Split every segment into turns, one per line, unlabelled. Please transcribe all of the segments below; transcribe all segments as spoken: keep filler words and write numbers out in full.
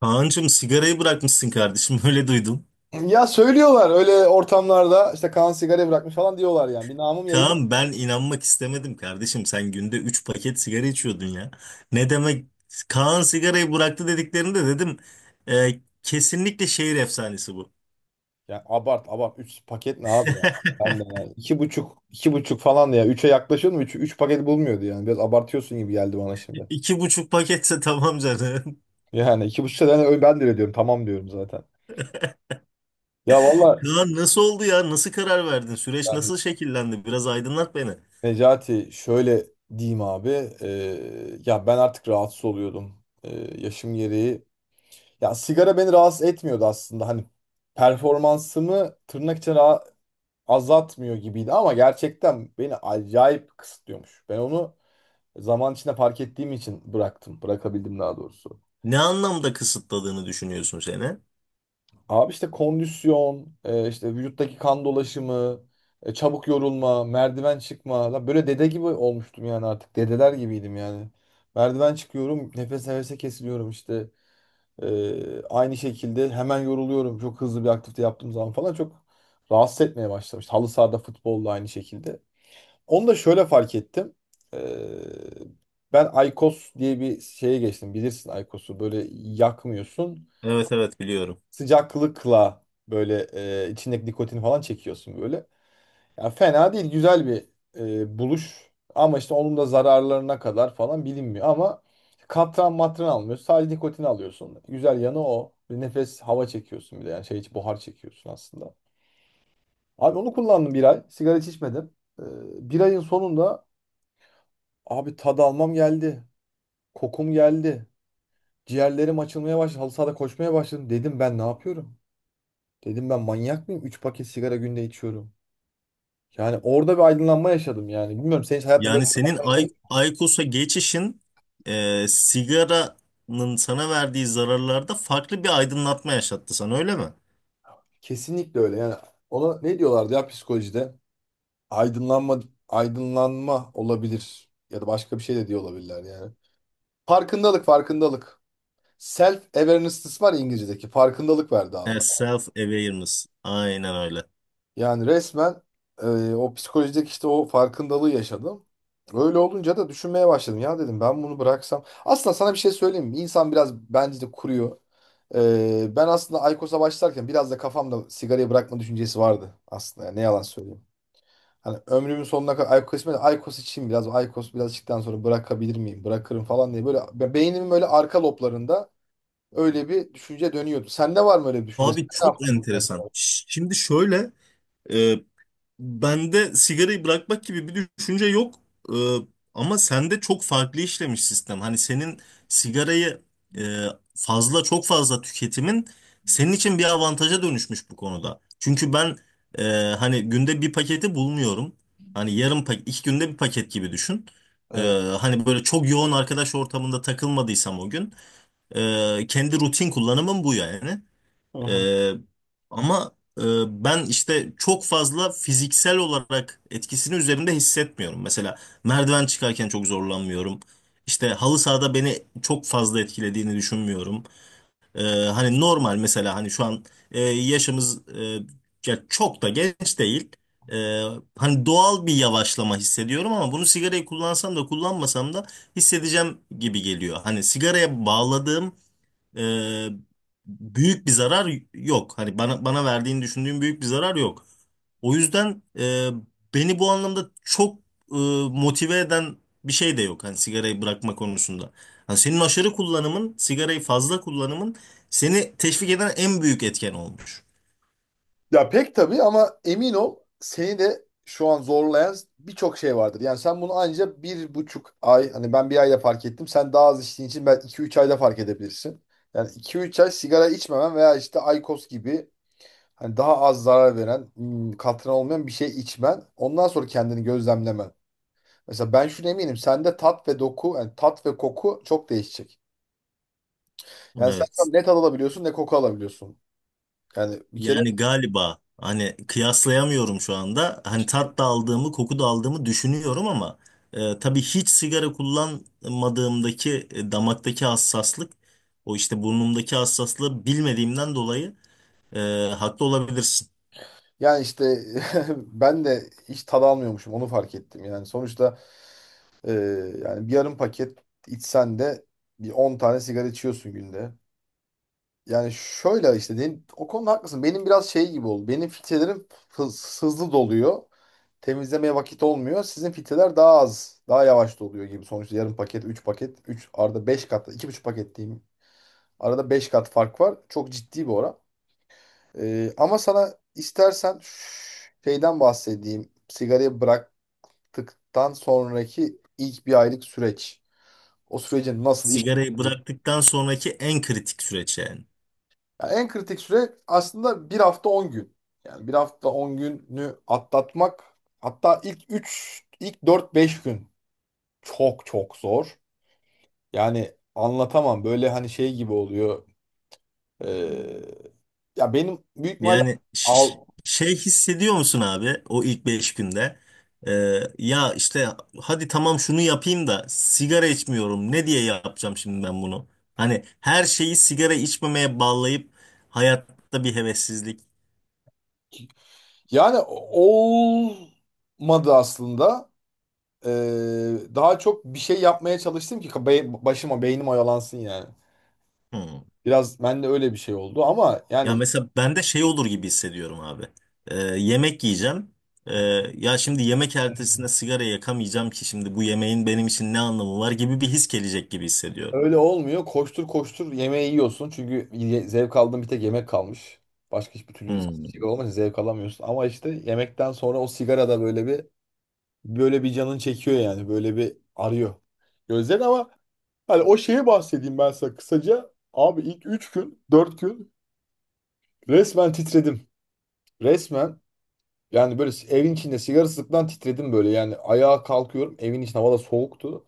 Kaan'cığım sigarayı bırakmışsın kardeşim öyle duydum.
Ya söylüyorlar öyle ortamlarda işte Kaan sigara bırakmış falan diyorlar yani. Bir namım yayılıyor.
Kaan ben inanmak istemedim kardeşim sen günde üç paket sigara içiyordun ya. Ne demek Kaan sigarayı bıraktı dediklerinde dedim e, kesinlikle şehir efsanesi bu.
Ya abart abart. Üç paket ne abi ya? Ben de ya. İki buçuk iki buçuk falan da ya. Üçe yaklaşıyordum. Üç, üç paket bulmuyordu yani. Biraz abartıyorsun gibi geldi bana şimdi.
İki buçuk paketse tamam canım.
Yani iki buçukta ben, ben de öyle diyorum. Tamam diyorum zaten. Ya valla
Kaan nasıl oldu ya nasıl karar verdin süreç
yani,
nasıl şekillendi biraz aydınlat beni.
Necati, şöyle diyeyim abi. Eee, ya ben artık rahatsız oluyordum. Eee, yaşım gereği. Ya sigara beni rahatsız etmiyordu aslında. Hani performansımı tırnak içine azaltmıyor gibiydi ama gerçekten beni acayip kısıtlıyormuş. Ben onu zaman içinde fark ettiğim için bıraktım. Bırakabildim daha doğrusu.
Ne anlamda kısıtladığını düşünüyorsun seni?
Abi işte kondisyon, e, işte vücuttaki kan dolaşımı, e, çabuk yorulma, merdiven çıkma. Lan böyle dede gibi olmuştum yani artık. Dedeler gibiydim yani. Merdiven çıkıyorum, nefes nefese kesiliyorum işte. E, aynı şekilde hemen yoruluyorum. Çok hızlı bir aktivite yaptığım zaman falan çok rahatsız etmeye başlamıştı. Halı sahada futbolda aynı şekilde. Onu da şöyle fark ettim. Ee, Ben Aykos diye bir şeye geçtim. Bilirsin Aykos'u böyle yakmıyorsun.
Evet, evet, biliyorum.
Sıcaklıkla böyle e, içindeki nikotini falan çekiyorsun böyle. Ya fena değil, güzel bir e, buluş. Ama işte onun da zararlarına kadar falan bilinmiyor. Ama katran matran almıyorsun. Sadece nikotini alıyorsun. Güzel yanı o. Bir nefes hava çekiyorsun bir de. Yani şey, hiç buhar çekiyorsun aslında. Abi onu kullandım bir ay. Sigara hiç içmedim. Ee, Bir ayın sonunda, abi, tad almam geldi. Kokum geldi. Ciğerlerim açılmaya başladı. Halı sahada koşmaya başladım. Dedim ben ne yapıyorum? Dedim ben manyak mıyım? Üç paket sigara günde içiyorum. Yani orada bir aydınlanma yaşadım yani. Bilmiyorum, senin hiç hayatında böyle
Yani
bir
senin
aydınlanma yaşadın
Ay
mı?
Aykos'a geçişin e, sigaranın sana verdiği zararlarda farklı bir aydınlatma yaşattı sana öyle mi?
Kesinlikle öyle. Yani ona ne diyorlardı ya, psikolojide? Aydınlanma aydınlanma olabilir ya da başka bir şey de diyor olabilirler yani. Farkındalık, farkındalık. Self awareness var ya, İngilizce'deki. Farkındalık verdi abi.
Self awareness. Aynen öyle.
Yani resmen e, o psikolojideki işte o farkındalığı yaşadım. Öyle olunca da düşünmeye başladım. Ya dedim ben bunu bıraksam. Aslında sana bir şey söyleyeyim mi? İnsan biraz bence de kuruyor. E, ben aslında Aykos'a başlarken biraz da kafamda sigarayı bırakma düşüncesi vardı aslında. Yani ne yalan söyleyeyim. Hani ömrümün sonuna kadar Aykos içmeye, Aykos içeyim biraz. Aykos biraz içtikten sonra bırakabilir miyim? Bırakırım falan diye. Böyle be- beynimin böyle arka loblarında öyle bir düşünce dönüyordu. Sende var mı öyle bir düşünce? Sen
Abi
ne
çok
yaptın bu kadar?
enteresan. Ş- Şimdi şöyle, e, bende sigarayı bırakmak gibi bir düşünce yok. Ee, ama sende çok farklı işlemiş sistem. Hani senin sigarayı, e, fazla çok fazla tüketimin senin için bir avantaja dönüşmüş bu konuda. Çünkü ben, e, hani günde bir paketi bulmuyorum. Hani yarım paket, iki günde bir paket gibi düşün. Ee,
Evet.
hani böyle çok yoğun arkadaş ortamında takılmadıysam o gün, e, kendi rutin kullanımım bu yani.
Hı hı.
Ee, ama e, ben işte çok fazla fiziksel olarak etkisini üzerimde hissetmiyorum. Mesela merdiven çıkarken çok zorlanmıyorum. İşte halı sahada beni çok fazla etkilediğini düşünmüyorum. Ee, hani normal mesela hani şu an, e, yaşımız e, ya çok da genç değil. Ee, hani doğal bir yavaşlama hissediyorum ama bunu sigarayı kullansam da kullanmasam da hissedeceğim gibi geliyor. Hani sigaraya bağladığım, e, büyük bir zarar yok. Hani bana bana verdiğini düşündüğüm büyük bir zarar yok. O yüzden e, beni bu anlamda çok, e, motive eden bir şey de yok. Hani sigarayı bırakma konusunda. Hani senin aşırı kullanımın, sigarayı fazla kullanımın seni teşvik eden en büyük etken olmuş.
Ya pek tabii, ama emin ol, seni de şu an zorlayan birçok şey vardır. Yani sen bunu anca bir buçuk ay, hani ben bir ayda fark ettim. Sen daha az içtiğin için belki iki üç ayda fark edebilirsin. Yani iki üç ay sigara içmemen veya işte Aykos gibi hani daha az zarar veren, hmm, katran olmayan bir şey içmen. Ondan sonra kendini gözlemlemen. Mesela ben şunu eminim, sende tat ve doku, yani tat ve koku çok değişecek. Yani sen şu
Evet.
an ne tat alabiliyorsun ne koku alabiliyorsun. Yani bir kere...
Yani galiba hani kıyaslayamıyorum şu anda. Hani tat da aldığımı, koku da aldığımı düşünüyorum ama, e, tabii hiç sigara kullanmadığımdaki e, damaktaki hassaslık, o işte burnumdaki hassaslığı bilmediğimden dolayı, e, haklı olabilirsin.
Yani işte ben de hiç tad almıyormuşum, onu fark ettim. Yani sonuçta e, yani bir yarım paket içsen de bir on tane sigara içiyorsun günde. Yani şöyle işte benim- o konuda haklısın. Benim biraz şey gibi oldu. Benim filtrelerim hız- hızlı doluyor. Temizlemeye vakit olmuyor. Sizin filtreler daha az, daha yavaş doluyor gibi. Sonuçta yarım paket, üç paket, üç arada beş kat, iki buçuk paket diyeyim. Arada beş kat fark var. Çok ciddi bir oran. Ee, ama sana istersen şeyden bahsedeyim. Sigarayı bıraktıktan sonraki ilk bir aylık süreç. O sürecin nasıl iş...
Sigarayı bıraktıktan sonraki en kritik süreç yani.
Yani en kritik süre aslında bir hafta on gün. Yani bir hafta on günü atlatmak, hatta ilk üç, ilk dört beş gün çok çok zor. Yani anlatamam, böyle, hani şey gibi oluyor. Ee, Ya benim büyük ihtimalle...
Yani ş-
Av-
şey hissediyor musun abi o ilk beş günde? Ee, ya işte hadi tamam şunu yapayım da sigara içmiyorum. Ne diye yapacağım şimdi ben bunu? Hani her şeyi sigara içmemeye bağlayıp hayatta bir hevessizlik.
Yani olmadı aslında. Ee, daha çok bir şey yapmaya çalıştım ki be- başıma, beynim oyalansın yani.
Hmm.
Biraz bende öyle bir şey oldu ama
Ya
yani,
mesela ben de şey olur gibi hissediyorum abi. Ee, yemek yiyeceğim. Ee, ya şimdi yemek ertesinde sigara yakamayacağım ki şimdi bu yemeğin benim için ne anlamı var gibi bir his gelecek gibi hissediyorum.
öyle olmuyor. Koştur koştur yemeği yiyorsun, çünkü ye- zevk aldığın bir tek yemek kalmış. Başka hiçbir türlü şey
Hmm.
olmaz, zevk alamıyorsun. Ama işte yemekten sonra o sigara da böyle bir böyle bir canın çekiyor yani, böyle bir arıyor. Gözlerin ama, hani o şeye bahsedeyim ben sana kısaca. Abi ilk üç gün dört gün resmen titredim. Resmen... Yani böyle evin içinde sigara sıktan titredim böyle. Yani ayağa kalkıyorum. Evin içinde havada soğuktu.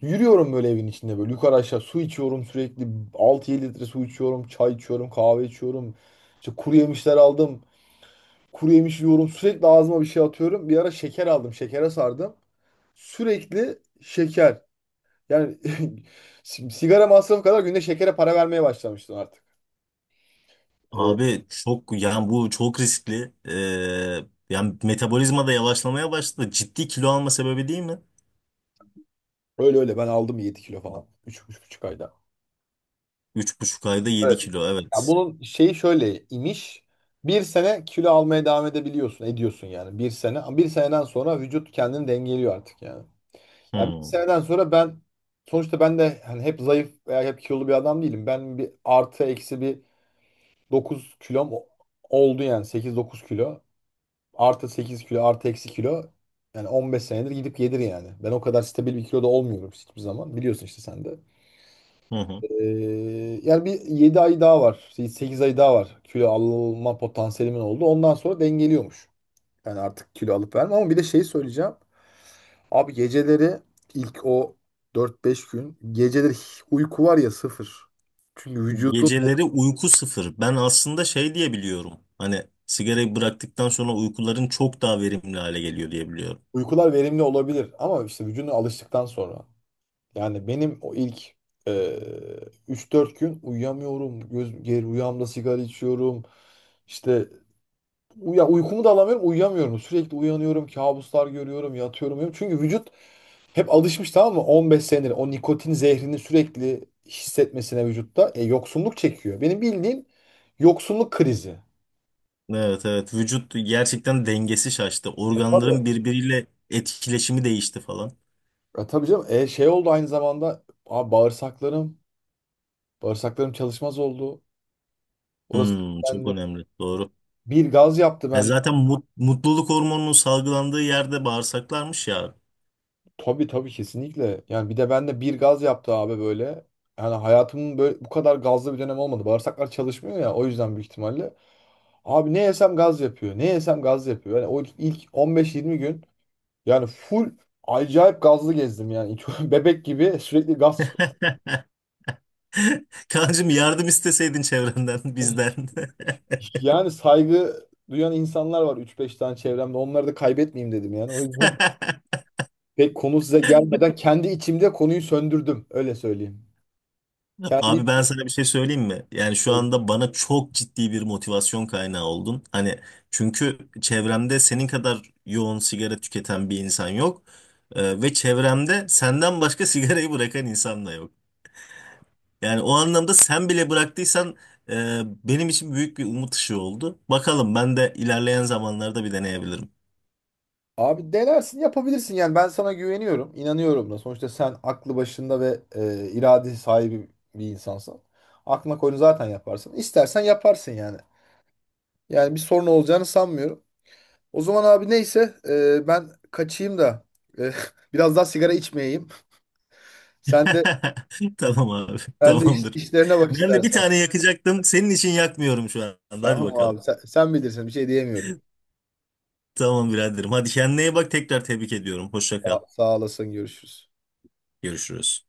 Yürüyorum böyle evin içinde, böyle yukarı aşağı, su içiyorum sürekli. altı yedi litre su içiyorum, çay içiyorum, kahve içiyorum. İşte kuru yemişler aldım. Kuru yemiş yiyorum. Sürekli ağzıma bir şey atıyorum. Bir ara şeker aldım. Şekere sardım. Sürekli şeker. Yani si- sigara masrafı kadar günde şekere para vermeye başlamıştım artık. Ee,
Abi çok yani bu çok riskli. Ee, yani metabolizma da yavaşlamaya başladı. Ciddi kilo alma sebebi değil mi?
Öyle öyle ben aldım yedi kilo falan. Üç üç buçuk ayda.
Üç buçuk ayda yedi kilo,
Ya
evet.
bunun şeyi şöyle imiş. Bir sene kilo almaya devam edebiliyorsun, ediyorsun yani, bir sene. Bir seneden sonra vücut kendini dengeliyor artık yani. Ya bir
Hmm.
seneden sonra ben, sonuçta ben de hani hep zayıf veya hep kilolu bir adam değilim. Ben bir artı eksi bir dokuz kilom o- oldu yani, sekiz dokuz kilo. Artı sekiz kilo, artı eksi kilo. Yani on beş senedir gidip gelir yani. Ben o kadar stabil bir kiloda olmuyorum hiçbir zaman. Biliyorsun işte sen de.
Hı hı.
Ee, Yani bir yedi ay daha var. Şey, sekiz ay daha var. Kilo alma potansiyelimin oldu. Ondan sonra dengeliyormuş. Yani artık kilo alıp vermem, ama bir de şey söyleyeceğim. Abi geceleri, ilk o dört beş gün, geceleri hiç uyku var ya, sıfır. Çünkü vücudun...
Geceleri uyku sıfır. Ben aslında şey diye biliyorum. Hani sigarayı bıraktıktan sonra uykuların çok daha verimli hale geliyor diye biliyorum.
uykular verimli olabilir ama işte vücuduna alıştıktan sonra. Yani benim o ilk e, üç dört gün uyuyamıyorum. Göz, geri rüyamda sigara içiyorum. İşte, ya uykumu da alamıyorum, uyuyamıyorum. Sürekli uyanıyorum, kabuslar görüyorum, yatıyorum, uyuyorum. Çünkü vücut hep alışmış, tamam mı? on beş senedir o nikotin zehrini sürekli hissetmesine, vücutta e, yoksunluk çekiyor. Benim bildiğim yoksunluk krizi.
Evet, evet, vücut gerçekten dengesi şaştı.
E, tabii.
Organların birbiriyle etkileşimi değişti falan.
E, tabii canım. E, şey oldu aynı zamanda abi, bağırsaklarım, bağırsaklarım çalışmaz oldu. Orası,
Hmm, çok
bende
önemli. Doğru.
bir gaz yaptı
Ya
ben.
zaten mut- mutluluk hormonunun salgılandığı yerde bağırsaklarmış ya.
Tabii tabii, kesinlikle. Yani bir de bende bir gaz yaptı abi böyle. Yani hayatımın böyle bu kadar gazlı bir dönem olmadı. Bağırsaklar çalışmıyor ya, o yüzden büyük ihtimalle. Abi ne yesem gaz yapıyor. Ne yesem gaz yapıyor. Yani o ilk on beş yirmi gün, yani full acayip gazlı gezdim yani. Bebek gibi sürekli gaz çıkıyor.
Kancım yardım isteseydin çevrenden, bizden.
Yani saygı duyan insanlar var üç beş tane çevremde. Onları da kaybetmeyeyim dedim yani. O yüzden pek konu size gelmeden kendi içimde konuyu söndürdüm. Öyle söyleyeyim.
Abi
Kendi...
ben sana bir şey söyleyeyim mi? Yani şu anda bana çok ciddi bir motivasyon kaynağı oldun. Hani çünkü çevremde senin kadar yoğun sigara tüketen bir insan yok. Ee, ve çevremde senden başka sigarayı bırakan insan da yok. Yani o anlamda sen bile bıraktıysan, e, benim için büyük bir umut ışığı oldu. Bakalım ben de ilerleyen zamanlarda bir deneyebilirim.
Abi denersin, yapabilirsin yani. Ben sana güveniyorum, inanıyorum da. Sonuçta sen aklı başında ve e, irade sahibi bir insansın. Aklına koyunu zaten yaparsın. İstersen yaparsın yani. Yani bir sorun olacağını sanmıyorum. O zaman abi, neyse, e, ben kaçayım da e, biraz daha sigara içmeyeyim. Sen de
Tamam abi,
sen de iş-
tamamdır.
işlerine bak
Ben de bir
istersen.
tane yakacaktım. Senin için yakmıyorum şu anda. Hadi
Tamam abi?
bakalım.
Sen, sen bilirsin. Bir şey diyemiyorum.
Tamam biraderim. Hadi kendine iyi bak. Tekrar tebrik ediyorum. Hoşça kal.
Sağ, sağ olasın. Görüşürüz.
Görüşürüz.